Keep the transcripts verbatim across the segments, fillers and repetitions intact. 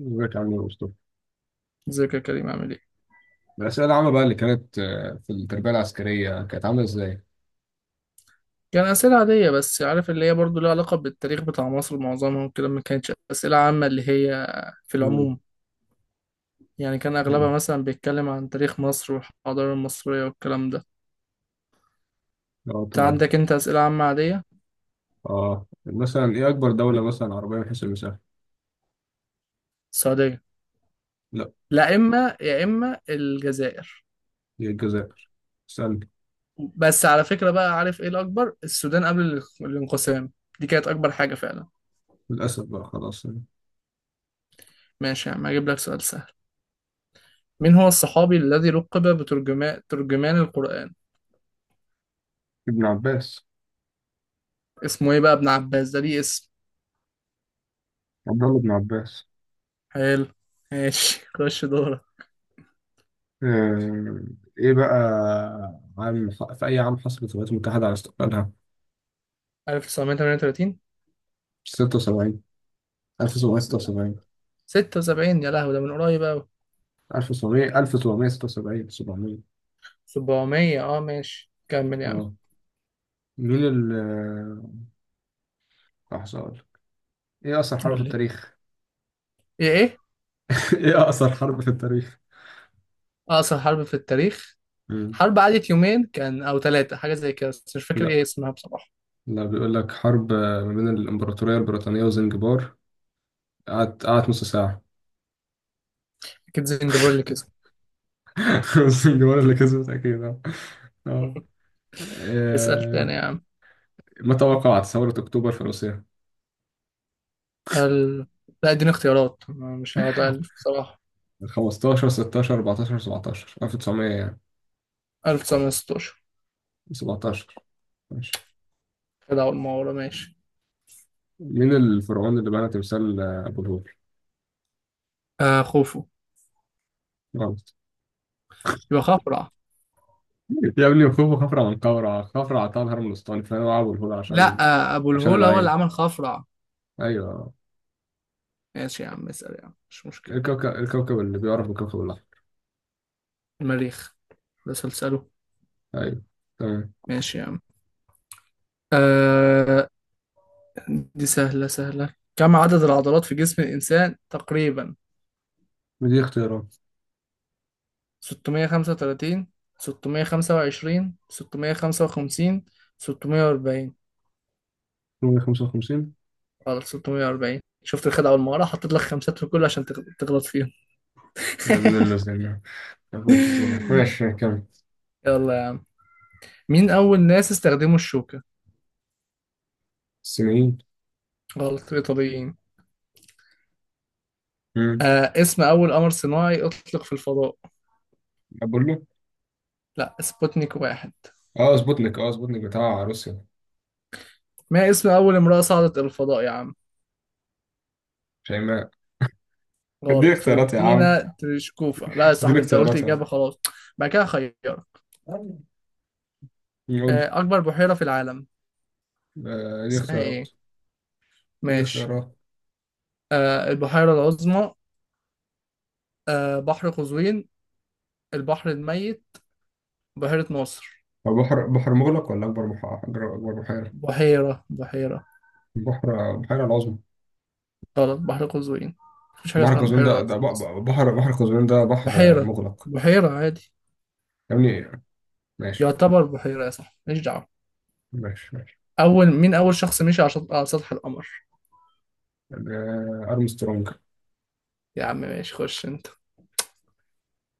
ازيك عامل ايه يا عم مصطفى؟ ازيك يا كريم، عامل ايه؟ الأسئلة العامة بقى اللي كانت آه، في التربية العسكرية كانت عاملة ازاي؟ كان أسئلة عادية بس عارف اللي هي برضو لها علاقة بالتاريخ بتاع مصر معظمها وكده، ما كانتش أسئلة عامة اللي هي في مم. العموم. يعني كان أغلبها مم. مثلا بيتكلم عن تاريخ مصر والحضارة المصرية والكلام ده. اه انت تمام. عندك انت أسئلة عامة عادية. اه مثلا ايه أكبر دولة مثلا عربية من حيث المساحة؟ السعودية. لا، لا، إما يا إما الجزائر. هي الجزائر. استنى. بس على فكرة بقى، عارف ايه الأكبر؟ السودان قبل ال- الانقسام. دي كانت أكبر حاجة فعلا. للأسف بقى خلاص. ماشي يا عم، هجيب لك سؤال سهل. مين هو الصحابي الذي لقب بترجمان ترجمان القرآن؟ ابن عباس. اسمه ايه بقى، ابن عباس ده ليه اسم. عبد الله بن عباس. حلو. ماشي خش دورك. آه، ايه بقى عام، في أي عام حصلت الولايات المتحدة على استقلالها؟ ألف وتسعمية وتمانية وتلاتين. ستة وسبعين. لا. ألف وسبعمية وستة وسبعين. ستة وسبعين، يا لهوي ده من قريب أوي. ألف وسبعمية ألف وسبعمية وستة وسبعين سبعمية. سبعمية، اه ماشي كمل يا عم. اه مين ال آه، لحظة، ايه اقصر حرب قول في لي. التاريخ؟ ايه ايه. ايه اقصر حرب في التاريخ؟ أقصر حرب في التاريخ. مم. حرب قعدت يومين كان أو ثلاثة، حاجة زي كده، بس مش فاكر لا، ايه اسمها بصراحة. لا بيقول لك حرب، آه، ما بين الامبراطوريه البريطانيه وزنجبار. قعدت قعدت نص ساعه. أكيد زنجبار اللي كسب. زنجبار اللي كسبت اكيد اه. آه. اسأل آه، تاني يا عم. ما توقعت ثوره اكتوبر في روسيا. ال... لا اديني اختيارات، أنا مش هقعد ألف بصراحة. خمسة عشر ستاشر اربعتاشر سبعتاشر ألف وتسعمية يعني. ألف وتسعمية وستاشر. سبعتاشر. ماشي. كده أول ما ورا، ماشي. مين الفرعون اللي بنى تمثال آه، ابو الهول؟ آه خوفو. غلط. يبقى خفرع. يا ابني، مكتوب خفرع. من قورع خفرع عطاها الهرم الاسطاني فانا ابو الهول لا. عشان، آه أبو عشان الهول هو اللي العين. عمل خفرع. ايوه. ماشي يا عم، اسأل يا عم مش مشكلة. الكوكب الكوكب اللي بيعرف بالكوكب الأحمر. المريخ. ده سلسله. أيوه، تمام. ماشي يا عم. آه. دي سهلة سهلة. كم عدد العضلات في جسم الإنسان تقريبا؟ ودي اختيارات. ستمية وخمسة وتلاتين، ستمية وخمسة وعشرين، ستمية وخمسة وخمسين، ستمية وأربعين. مية وخمسة وخمسين. غلط، ستمية وأربعين. شفت الخدعة والمهارة، حطيت لك خمسات في كله عشان تغ- تغلط فيهم. يا ابن اللذينة، يا ابن اللذينة، ماشي كمل. يلا يا عم. مين أول ناس استخدموا الشوكة؟ الصينيين. غلط، الإيطاليين. مم. آه، اسم أول قمر صناعي أطلق في الفضاء. أقول له. لا، سبوتنيك واحد. أه، سبوتنيك. أه، سبوتنيك بتاع روسيا. ما اسم أول امرأة صعدت إلى الفضاء يا عم؟ شيماء. دي غلط، اختيارات يا عم. فالنتينا تريشكوفا. لا يا دي صاحبي، أنت قلت اختيارات يا عم. إجابة خلاص. بعد كده خيرك. يقول لي. آه، أكبر بحيرة في العالم. آه، دي اسمها اختيارات. إيه؟ دي ماشي. اختيارات. آه، البحيرة العظمى. آه، بحر قزوين. البحر الميت. بحيرة ناصر. هو بحر، بحر مغلق ولا أكبر بحر، أكبر، أكبر بحيرة؟ بحيرة بحيرة. بحر، بحيرة العظمى. غلط، بحر قزوين. مفيش حاجة بحر اسمها قزوين بحيرة ده ده العظمى بح- أصلا. بحر بحر قزوين ده بحر بحيرة مغلق. بحيرة عادي. يا ابني ماشي يعتبر بحيرة يا صاحبي، ماليش دعوة. ماشي. أول مين أول شخص مشي على شط- على سطح القمر؟ آه، أرمسترونج. يا عم ماشي، خش أنت.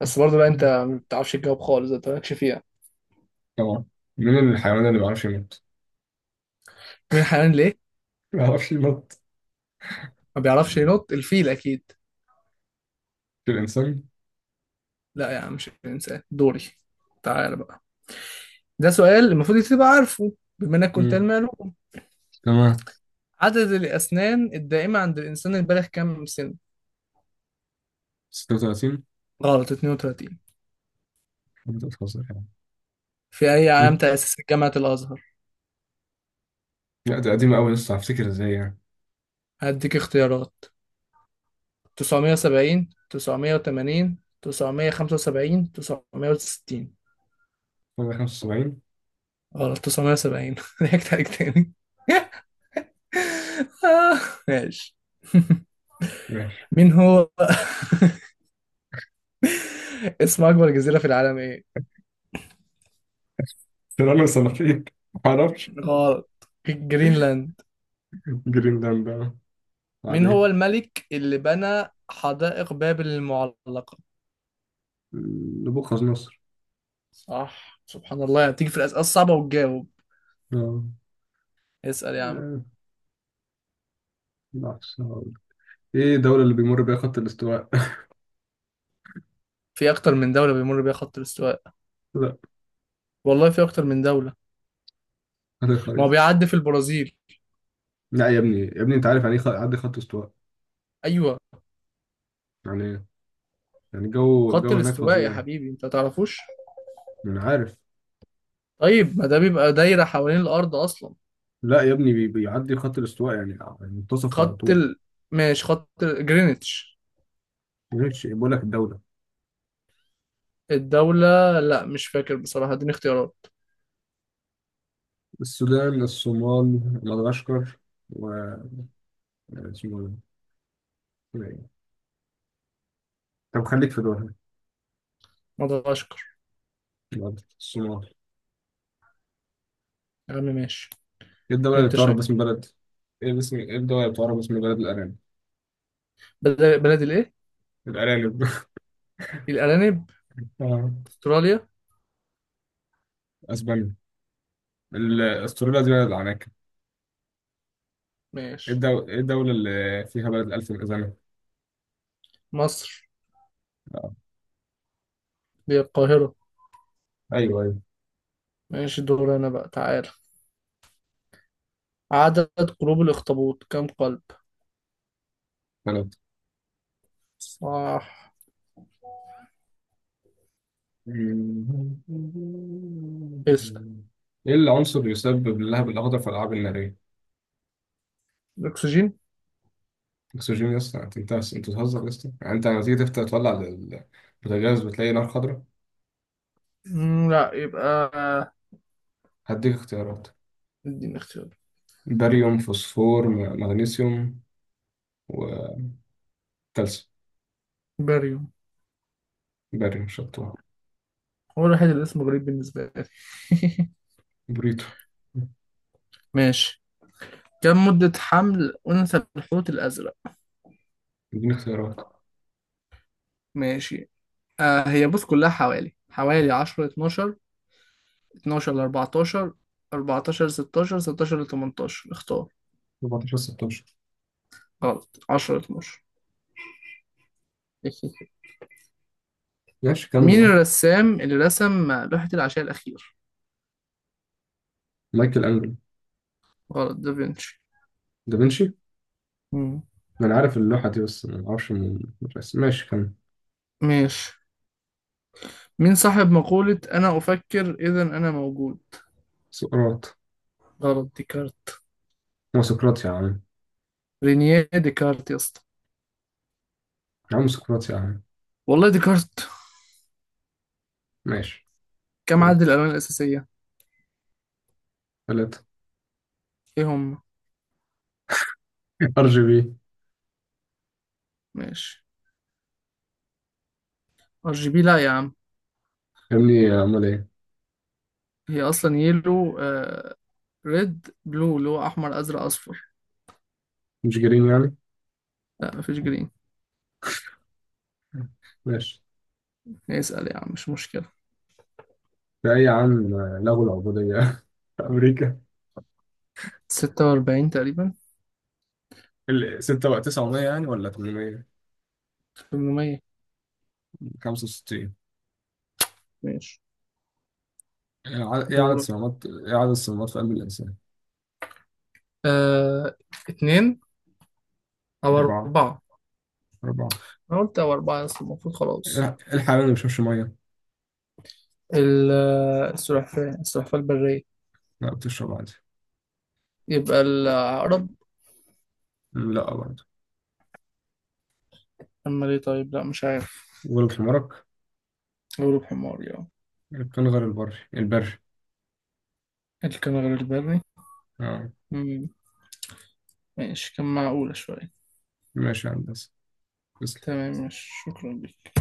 بس برضه بقى، انت ما بتعرفش تجاوب خالص، انت مالكش فيها. طبعا. مين الحيوان اللي ما بيعرفش ينط؟ مين الحيوان ليه. ما بيعرفش ينط. ما بيعرفش ينط، الفيل اكيد. في الإنسان؟ لا يا عم، مش الانسان دوري. تعالى بقى. ده سؤال المفروض انت تبقى عارفه، بما انك كنت مم. علمي علوم. تمام. عدد الاسنان الدائمه عند الانسان البالغ كام سن؟ ستة وثلاثين. غلط، اتنين وتلاتين. خمستاشر يعني. في اي عام مم. تاسس جامعه الازهر؟ لا، ده قديمة أوي، لسه هفتكر إزاي يعني. هديك اختيارات. تسعمية وسبعين، تسعمية وتمانين، تسعمية وخمسة وسبعين، تسعمية وستين. خمسة وسبعين. غلط، تسعمية وسبعين ضحكت عليك تاني. آه، ماشي. ماشي. مين هو اسم أكبر جزيرة في العالم إيه؟ سنافين. ما أعرفش. غلط، جرينلاند. جرينلاند بقى. مين هو بعدين. الملك اللي بنى حدائق بابل المعلقة؟ نبوخذ نصر. صح، سبحان الله، يعني بتيجي في الأسئلة الصعبة وتجاوب. آه. اسأل يا عم. آه، لحظة. هقول. إيه الدولة اللي بيمر بيها خط الاستواء؟ في أكتر من دولة بيمر بيها خط الاستواء. لا. والله في أكتر من دولة. هذه ما هو الخريطة. بيعدي في البرازيل. لا يا ابني، يا ابني، أنت عارف يعني إيه خ- عدي خط استواء؟ أيوه. يعني إيه؟ يعني الجو، خط الجو هناك الاستواء يا فظيع. حبيبي، أنت ما تعرفوش؟ أنا عارف. طيب ما ده بيبقى دايرة حوالين الأرض أصلا. لا يا ابني، بي- بيعدي خط الاستواء يعني، يعني منتصف على خط طول. ال... ماشي، خط ال- جرينتش. غير شيء، بقول لك الدولة. الدولة لا مش فاكر بصراحة، اديني اختيارات. السودان، الصومال، مدغشقر، و اسمه إيه؟ طب خليك في دولها. مدغشقر. الأرض، الصومال. يا عم ماشي. ايه الدولة اللي اللي انت بتعرف شايف. باسم بلد، ايه باسم، ايه الدولة اللي بتعرف باسم بلد الأرانب؟ بلد... بلد الايه. الأرانب الأرانب. آه. استراليا. اسبانيا. ال- استراليا دي بلد العناكب. ايه ماشي. الدو- إيه الدولة اللي فيها بلد الألف الأذنة؟ مصر. آه. دي القاهرة. ايوه، ايوه. ماشي دور انا بقى، تعالى. عدد قلوب الأخطبوط كم قلب. بلد. صح. اسأل. ايه العنصر اللي يسبب اللهب الأخضر في الألعاب النارية؟ الأكسجين. اكسجين يا اسطى؟ انت انت انت بتهزر يا اسطى. يعني انت لما تيجي تفتح تولع ال- البوتاجاز بتلاقي نار خضراء. مم، لا يبقى هديك اختيارات. اديني اختيار. باريوم، فوسفور، م- مغنيسيوم، وكالسيوم. باريوم. باريوم شطوة. هو الوحيد اللي اسمه غريب بالنسبة لي. بريتو. ماشي. كم مدة حمل أنثى الحوت الأزرق؟ اديني اختيارات. ماشي. آه هي بص، كلها حوالي حوالي عشرة، اتناشر، اتناشر ل أربعتاشر، أربعتاشر ل ستاشر، ستاشر ل تمنتاشر، اختار. اربعتاشر ستاشر. غلط، عشرة ل اتناشر. ماشي كمل مين اهو. الرسام اللي رسم لوحة العشاء الأخير؟ مايكل انجلو. غلط، دافنشي. دافنشي. مم. ما انا عارف اللوحة دي، بس ما اعرفش من. بس ماشي كمل. ماشي. مين صاحب مقولة أنا أفكر إذا أنا موجود؟ سقراط. غلط، ديكارت. هو سقراط يا عم. رينيه ديكارت يا اسطى. يا عم سقراط يا عم. والله ديكارت. ماشي. كم عدد الألوان الأساسية؟ ثلاثة. إيه هم؟ ار جي بي. ماشي. ار جي بي لا يا عم. يا ابني، امال ايه؟ هي أصلا يلو، ريد بلو اللي هو احمر ازرق اصفر. مش جرين يعني؟ لا مفيش جرين. ماشي. اسال يا عم مش مشكله. في أي عام لغوا العبودية في أمريكا؟ ستة وأربعين تقريبا. ال- ستة، ولا تسعمية يعني، ولا ثمانمية. تمنمية. خمسة وستين. ماشي إيه ع- إيه عدد دورك. الصمامات، إيه عدد الصمامات في قلب الإنسان؟ آه... اتنين او أربعة. اربعه. أربعة. انا قلت او اربعه بس المفروض خلاص. إيه الحيوان اللي ما بيشربش مية؟ ال- آه، السلحفاه السلحفاه البريه. لا بتشرب عادي. يبقى العقرب. مم، لا برضه. اما ليه طيب، لا مش عارف. غلب حمارك. غروب حماري اه. القنغر البري البري الكنغر البري. آه. مم، ماشي، كان معقولة شوية. ماشي يا هندسة. تسلم. تمام، مش شكرا لك.